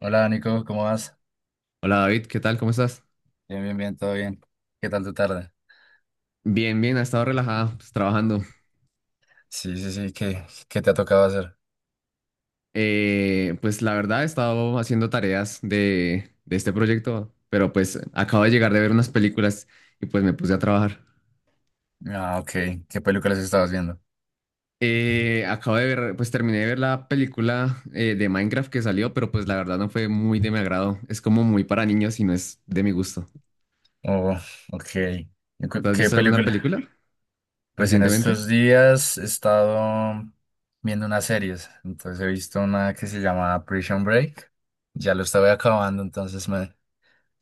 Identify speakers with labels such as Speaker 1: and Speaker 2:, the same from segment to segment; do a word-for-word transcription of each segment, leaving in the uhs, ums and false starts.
Speaker 1: Hola Nico, ¿cómo vas?
Speaker 2: Hola David, ¿qué tal? ¿Cómo estás?
Speaker 1: Bien, bien, bien, todo bien. ¿Qué tal tu tarde?
Speaker 2: Bien, bien, ha estado relajada, pues, trabajando.
Speaker 1: Sí, sí, sí, ¿qué, qué te ha tocado hacer?
Speaker 2: Eh, pues la verdad he estado haciendo tareas de, de este proyecto, pero pues acabo de llegar de ver unas películas y pues me puse a trabajar.
Speaker 1: Ah, ok. ¿Qué películas estabas viendo?
Speaker 2: Eh, acabo de ver, pues terminé de ver la película eh, de Minecraft que salió, pero pues la verdad no fue muy de mi agrado. Es como muy para niños y no es de mi gusto.
Speaker 1: Oh, ok. ¿Y
Speaker 2: ¿Tú
Speaker 1: cu-
Speaker 2: has
Speaker 1: ¿Qué
Speaker 2: visto alguna
Speaker 1: película?
Speaker 2: película
Speaker 1: Pues en
Speaker 2: recientemente?
Speaker 1: estos días he estado viendo unas series. Entonces he visto una que se llama Prison Break. Ya lo estaba acabando, entonces me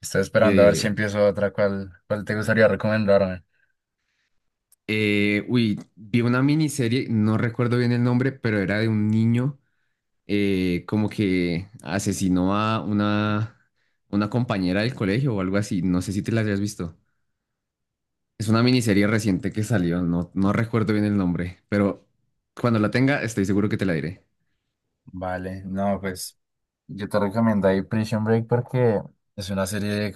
Speaker 1: estoy esperando a ver si
Speaker 2: Eh,
Speaker 1: empiezo otra. ¿Cuál, cuál te gustaría recomendarme?
Speaker 2: eh, uy, vi una miniserie, no recuerdo bien el nombre, pero era de un niño eh, como que asesinó a una, una compañera del colegio o algo así. No sé si te la hayas visto. Es una miniserie reciente que salió, no, no recuerdo bien el nombre, pero cuando la tenga estoy seguro que te la diré.
Speaker 1: Vale, no, pues yo te recomiendo ahí Prison Break porque es una serie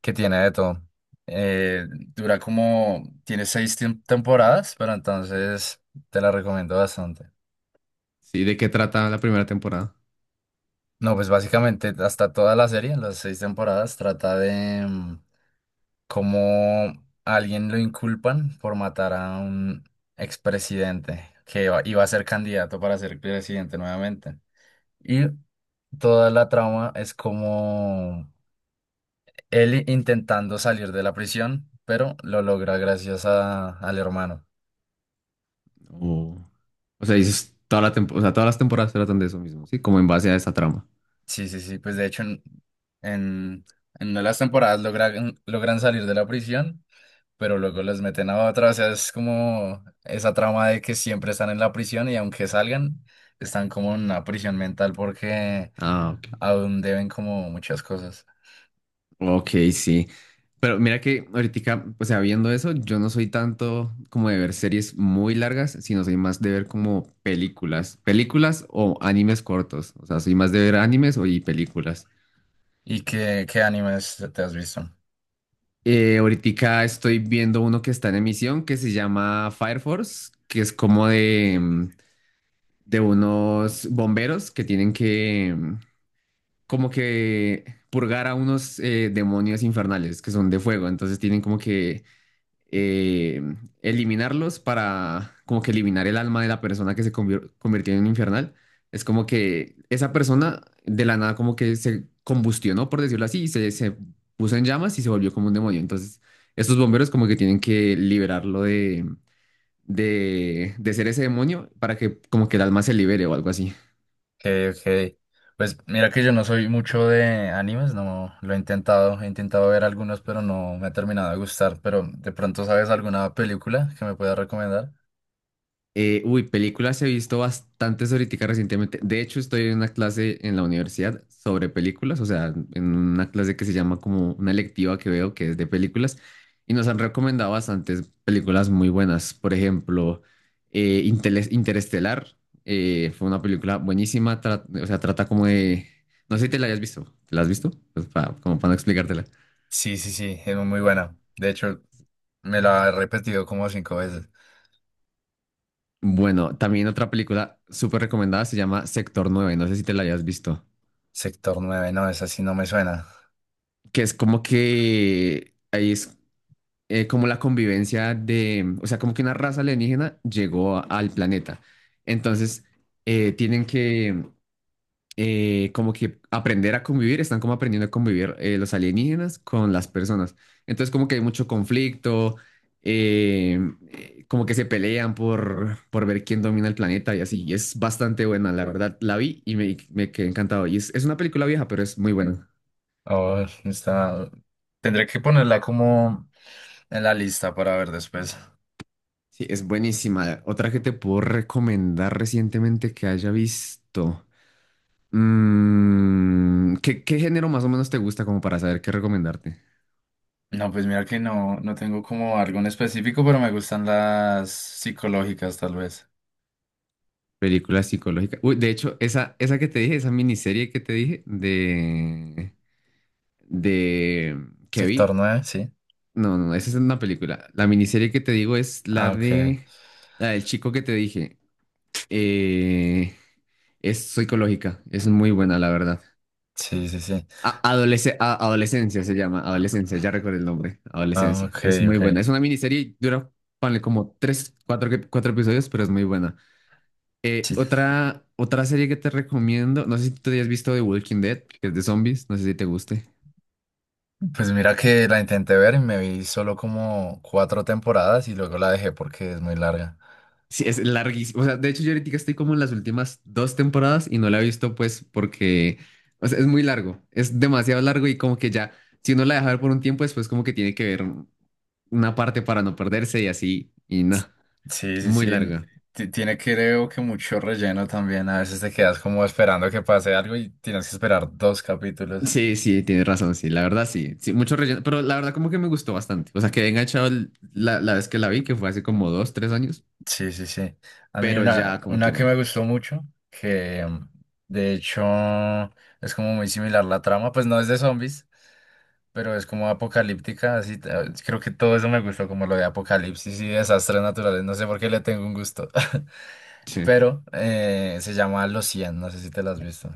Speaker 1: que tiene de todo. Eh, Dura como, tiene seis tem- temporadas, pero entonces te la recomiendo bastante.
Speaker 2: Sí, ¿de qué trata la primera temporada?
Speaker 1: No, pues básicamente hasta toda la serie, en las seis temporadas, trata de mm, cómo a alguien lo inculpan por matar a un expresidente que iba, iba a ser candidato para ser presidente nuevamente. Y toda la trama es como él intentando salir de la prisión, pero lo logra gracias a- al hermano.
Speaker 2: O, o sea, dices toda la tempo- o sea, todas las temporadas tratan de eso mismo, ¿sí? Como en base a esa trama.
Speaker 1: Sí, sí, sí, pues de hecho en, en, en una de las temporadas logran, logran salir de la prisión, pero luego los meten a otra, o sea, es como esa trama de que siempre están en la prisión y aunque salgan, están como en una prisión mental porque
Speaker 2: Ah, ok.
Speaker 1: aún deben como muchas cosas.
Speaker 2: Ok, sí. Pero mira que ahorita, o sea, viendo eso, yo no soy tanto como de ver series muy largas, sino soy más de ver como películas, películas o animes cortos. O sea, soy más de ver animes o y películas.
Speaker 1: ¿Y qué, qué animes te has visto?
Speaker 2: Eh, ahorita estoy viendo uno que está en emisión que se llama Fire Force, que es como de, mm, de unos bomberos que tienen que mm, como que purgar a unos eh, demonios infernales que son de fuego. Entonces tienen como que eh, eliminarlos para como que eliminar el alma de la persona que se convier- convirtió en infernal. Es como que esa persona de la nada como que se combustionó, por decirlo así, y se, se puso en llamas y se volvió como un demonio. Entonces, estos bomberos como que tienen que liberarlo de, de, de ser ese demonio para que como que el alma se libere o algo así.
Speaker 1: Ok, ok. Pues mira que yo no soy mucho de animes, no lo he intentado, he intentado ver algunos, pero no me ha terminado de gustar, pero de pronto sabes alguna película que me puedas recomendar.
Speaker 2: Eh, uy, películas he visto bastantes ahorita recientemente. De hecho, estoy en una clase en la universidad sobre películas, o sea, en una clase que se llama como una electiva que veo que es de películas, y nos han recomendado bastantes películas muy buenas. Por ejemplo, eh, Intele- Interestelar, eh, fue una película buenísima, tra- o sea, trata como de. No sé si te la hayas visto, ¿te la has visto? Pues pa- como para no explicártela.
Speaker 1: Sí, sí, sí, es muy buena. De hecho, me la he repetido como cinco veces.
Speaker 2: Bueno, también otra película súper recomendada se llama Sector Nueve. No sé si te la hayas visto.
Speaker 1: Sector nueve no, esa sí no me suena.
Speaker 2: Que es como que ahí es eh, como la convivencia de, o sea, como que una raza alienígena llegó a- al planeta. Entonces, eh, tienen que eh, como que aprender a convivir, están como aprendiendo a convivir eh, los alienígenas con las personas. Entonces, como que hay mucho conflicto, eh, eh, como que se pelean por, por ver quién domina el planeta y así. Y es bastante buena, la verdad. La vi y me, me quedé encantado. Y es, es una película vieja, pero es muy buena.
Speaker 1: Oh, está... tendré que ponerla como en la lista para ver después.
Speaker 2: Sí, es buenísima. Otra que te puedo recomendar recientemente que haya visto. Mm, ¿qué, qué género más o menos te gusta como para saber qué recomendarte?
Speaker 1: No, pues mira que no, no tengo como algo en específico, pero me gustan las psicológicas tal vez.
Speaker 2: Película psicológica. Uy, de hecho, esa, esa que te dije, esa miniserie que te dije de, de que
Speaker 1: Sector
Speaker 2: vi.
Speaker 1: nueve sí.
Speaker 2: No, no, esa es una película. La miniserie que te digo es la
Speaker 1: Ah, ok.
Speaker 2: de la del chico que te dije. Eh, es psicológica. Es muy buena, la verdad.
Speaker 1: Sí, sí, sí.
Speaker 2: A- adolesc- a- adolescencia se llama, adolescencia, ya recuerdo el nombre,
Speaker 1: Ah,
Speaker 2: adolescencia.
Speaker 1: ok,
Speaker 2: Es muy
Speaker 1: ok.
Speaker 2: buena, es una miniserie y dura, ponle como tres, cuatro, que- cuatro episodios, pero es muy buena. Eh,
Speaker 1: Sí.
Speaker 2: otra, otra serie que te recomiendo, no sé si tú te hayas visto The Walking Dead, que es de zombies, no sé si te guste.
Speaker 1: Pues mira que la intenté ver y me vi solo como cuatro temporadas y luego la dejé porque es muy larga.
Speaker 2: Sí, es larguísimo. O sea, de hecho yo ahorita estoy como en las últimas dos temporadas y no la he visto pues porque, o sea, es muy largo, es demasiado largo y como que ya, si uno la deja ver por un tiempo, después como que tiene que ver una parte para no perderse y así, y no,
Speaker 1: Sí, sí,
Speaker 2: muy
Speaker 1: sí.
Speaker 2: larga.
Speaker 1: Ti- Tiene creo que mucho relleno también. A veces te quedas como esperando que pase algo y tienes que esperar dos capítulos.
Speaker 2: Sí, sí, tienes razón, sí, la verdad sí, sí, mucho relleno, pero la verdad como que me gustó bastante, o sea, quedé enganchado el- la, la vez que la vi, que fue hace como dos, tres años,
Speaker 1: Sí, sí, sí. A mí
Speaker 2: pero ya
Speaker 1: una,
Speaker 2: como que
Speaker 1: una
Speaker 2: no,
Speaker 1: que me gustó mucho, que mm, de hecho es como muy similar la trama, pues no es de zombies, pero es como apocalíptica, así t- eh, creo que todo eso me gustó, como lo de apocalipsis y desastres naturales, no sé por qué le tengo un gusto,
Speaker 2: sí.
Speaker 1: pero eh, se llama Los cien. No sé si te lo has visto.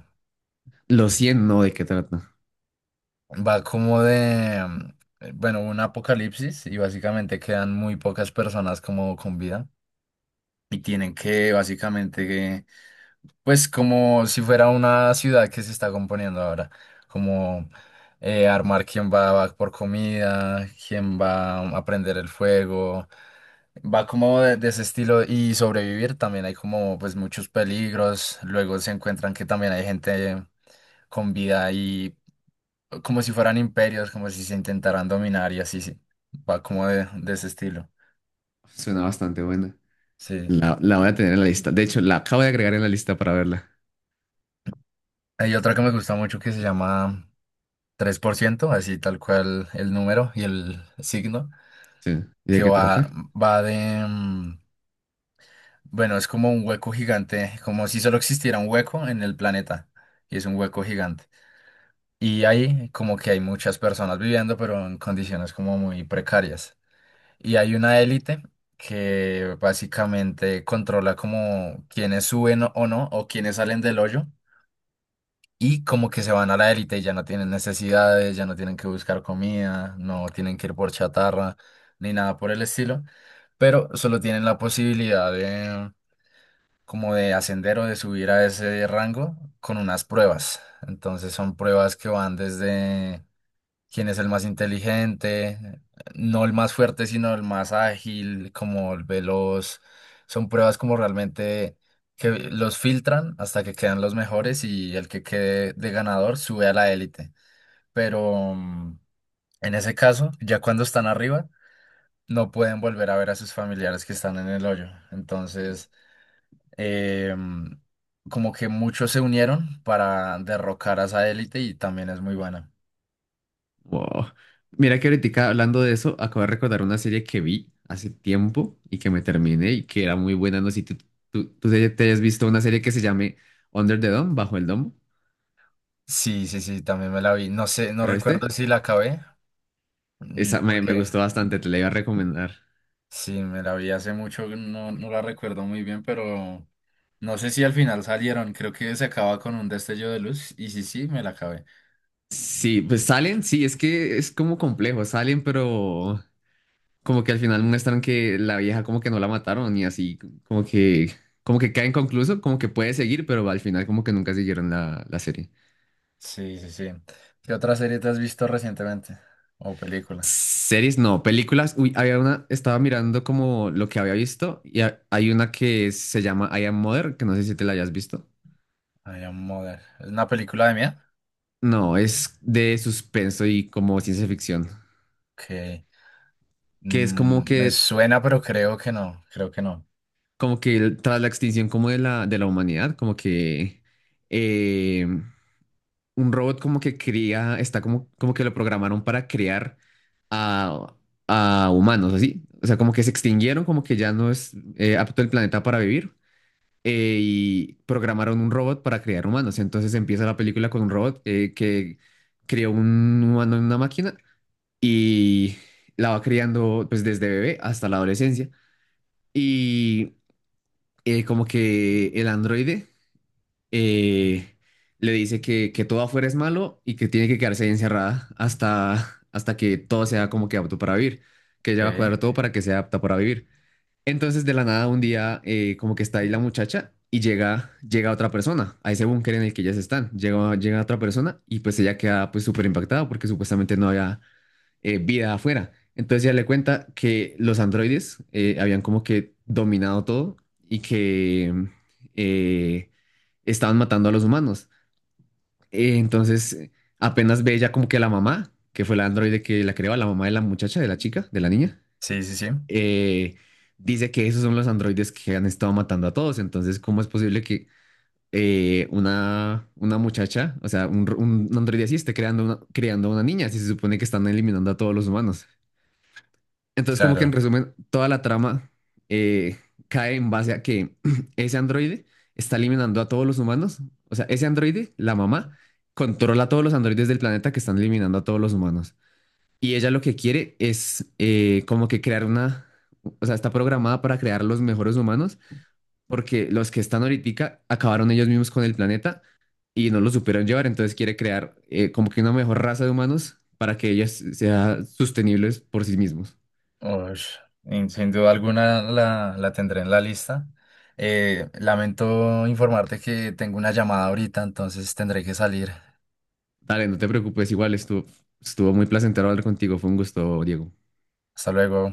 Speaker 2: Los cien no, ¿de qué trata?
Speaker 1: Va como de, mm, eh, bueno, un apocalipsis y básicamente quedan muy pocas personas como con vida y tienen que básicamente, pues como si fuera una ciudad que se está componiendo ahora, como eh, armar quién va, va, por comida, quién va a prender el fuego, va como de, de ese estilo y sobrevivir, también hay como pues muchos peligros, luego se encuentran que también hay gente con vida como si fueran imperios, como si se intentaran dominar y así, sí. Va como de, de ese estilo.
Speaker 2: Suena bastante buena,
Speaker 1: Sí.
Speaker 2: la, la voy a tener en la lista, de hecho, la acabo de agregar en la lista para verla,
Speaker 1: Hay otra que me gusta mucho que se llama tres por ciento, así tal cual el número y el signo,
Speaker 2: sí, ¿y
Speaker 1: que
Speaker 2: de qué
Speaker 1: va,
Speaker 2: trata?
Speaker 1: va de... mm, bueno, es como un hueco gigante, como si solo existiera un hueco en el planeta, y es un hueco gigante. Y ahí como que hay muchas personas viviendo, pero en condiciones como muy precarias. Y hay una élite que básicamente controla como quiénes suben o o no, o quiénes salen del hoyo, y como que se van a la élite y ya no tienen necesidades, ya no tienen que buscar comida, no tienen que ir por chatarra, ni nada por el estilo, pero solo tienen la posibilidad de como de ascender o de subir a ese rango con unas pruebas. Entonces son pruebas que van desde quién es el más inteligente, no el más fuerte, sino el más ágil, como el veloz. Son pruebas como realmente que los filtran hasta que quedan los mejores y el que quede de ganador sube a la élite. Pero mm, en ese caso, ya cuando están arriba, no pueden volver a ver a sus familiares que están en el hoyo. Entonces, em, como que muchos se unieron para derrocar a esa élite y también es muy buena.
Speaker 2: Wow. Mira que ahorita hablando de eso, acabo de recordar una serie que vi hace tiempo y que me terminé y que era muy buena, no sé si tú, tú, tú te te hayas visto una serie que se llame Under the Dome, Bajo el Domo,
Speaker 1: Sí, sí, sí, también me la vi. No sé, no
Speaker 2: ¿la
Speaker 1: recuerdo
Speaker 2: viste?
Speaker 1: si la acabé, mm,
Speaker 2: Esa me, me
Speaker 1: porque
Speaker 2: gustó bastante, te la iba a recomendar.
Speaker 1: sí, me la vi hace mucho, no, no la recuerdo muy bien, pero no sé si al final salieron. Creo que se acaba con un destello de luz y sí, sí, me la acabé.
Speaker 2: Sí, pues salen, sí, es que es como complejo, salen, pero como que al final muestran que la vieja como que no la mataron y así, como que, como que cae inconcluso, como que puede seguir, pero al final como que nunca siguieron la, la serie.
Speaker 1: Sí, sí, sí. ¿Qué otra serie te has visto recientemente? ¿O película?
Speaker 2: Series no, películas, uy, había una, estaba mirando como lo que había visto y ha- hay una que se llama I Am Mother, que no sé si te la hayas visto.
Speaker 1: Ay, Am Mother. ¿Es una película de mía?
Speaker 2: No, es de suspenso y como ciencia ficción,
Speaker 1: Que
Speaker 2: que es como
Speaker 1: me
Speaker 2: que
Speaker 1: suena, pero creo que no, creo que no.
Speaker 2: como que el- tras la extinción como de la, de la humanidad, como que eh, un robot como que cría, está como, como que lo programaron para crear a, a humanos, así. O sea, como que se extinguieron, como que ya no es eh, apto el planeta para vivir. eh, y programaron un robot para crear humanos. Entonces empieza la película con un robot eh, que creó un humano en una máquina y la va criando pues desde bebé hasta la adolescencia. Y eh, como que el androide eh, le dice que, que todo afuera es malo y que tiene que quedarse ahí encerrada hasta, hasta que todo sea como que apto para vivir, que ella va a
Speaker 1: Ok.
Speaker 2: cuadrar todo para que sea apta para vivir. Entonces, de la nada, un día, eh, como que está ahí la muchacha y llega, llega otra persona a ese búnker en el que ellas están. Llega, llega otra persona y pues ella queda pues súper impactada porque supuestamente no había, eh, vida afuera. Entonces ya le cuenta que los androides eh, habían como que dominado todo y que eh, estaban matando a los humanos. Eh, entonces eh, apenas ve ella como que la mamá, que fue la androide que la creó, la mamá de la muchacha, de la chica, de la niña,
Speaker 1: Sí, sí, sí,
Speaker 2: eh, dice que esos son los androides que han estado matando a todos. Entonces, ¿cómo es posible que eh, una, una muchacha, o sea, un, un androide así esté creando una, creando una, niña si se supone que están eliminando a todos los humanos? Entonces, como que en
Speaker 1: claro.
Speaker 2: resumen, toda la trama eh, cae en base a que ese androide está eliminando a todos los humanos. O sea, ese androide, la mamá, controla a todos los androides del planeta que están eliminando a todos los humanos. Y ella lo que quiere es eh, como que crear una. O sea, está programada para crear los mejores humanos porque los que están ahorita acabaron ellos mismos con el planeta y no lo supieron llevar. Entonces quiere crear eh, como que una mejor raza de humanos para que ellos sean sostenibles por sí mismos.
Speaker 1: Ush, in- sin duda alguna la, la tendré en la lista. Eh, lamento informarte que tengo una llamada ahorita, entonces tendré que salir.
Speaker 2: Dale, no te preocupes, igual estuvo, estuvo, muy placentero hablar contigo, fue un gusto, Diego.
Speaker 1: Hasta luego.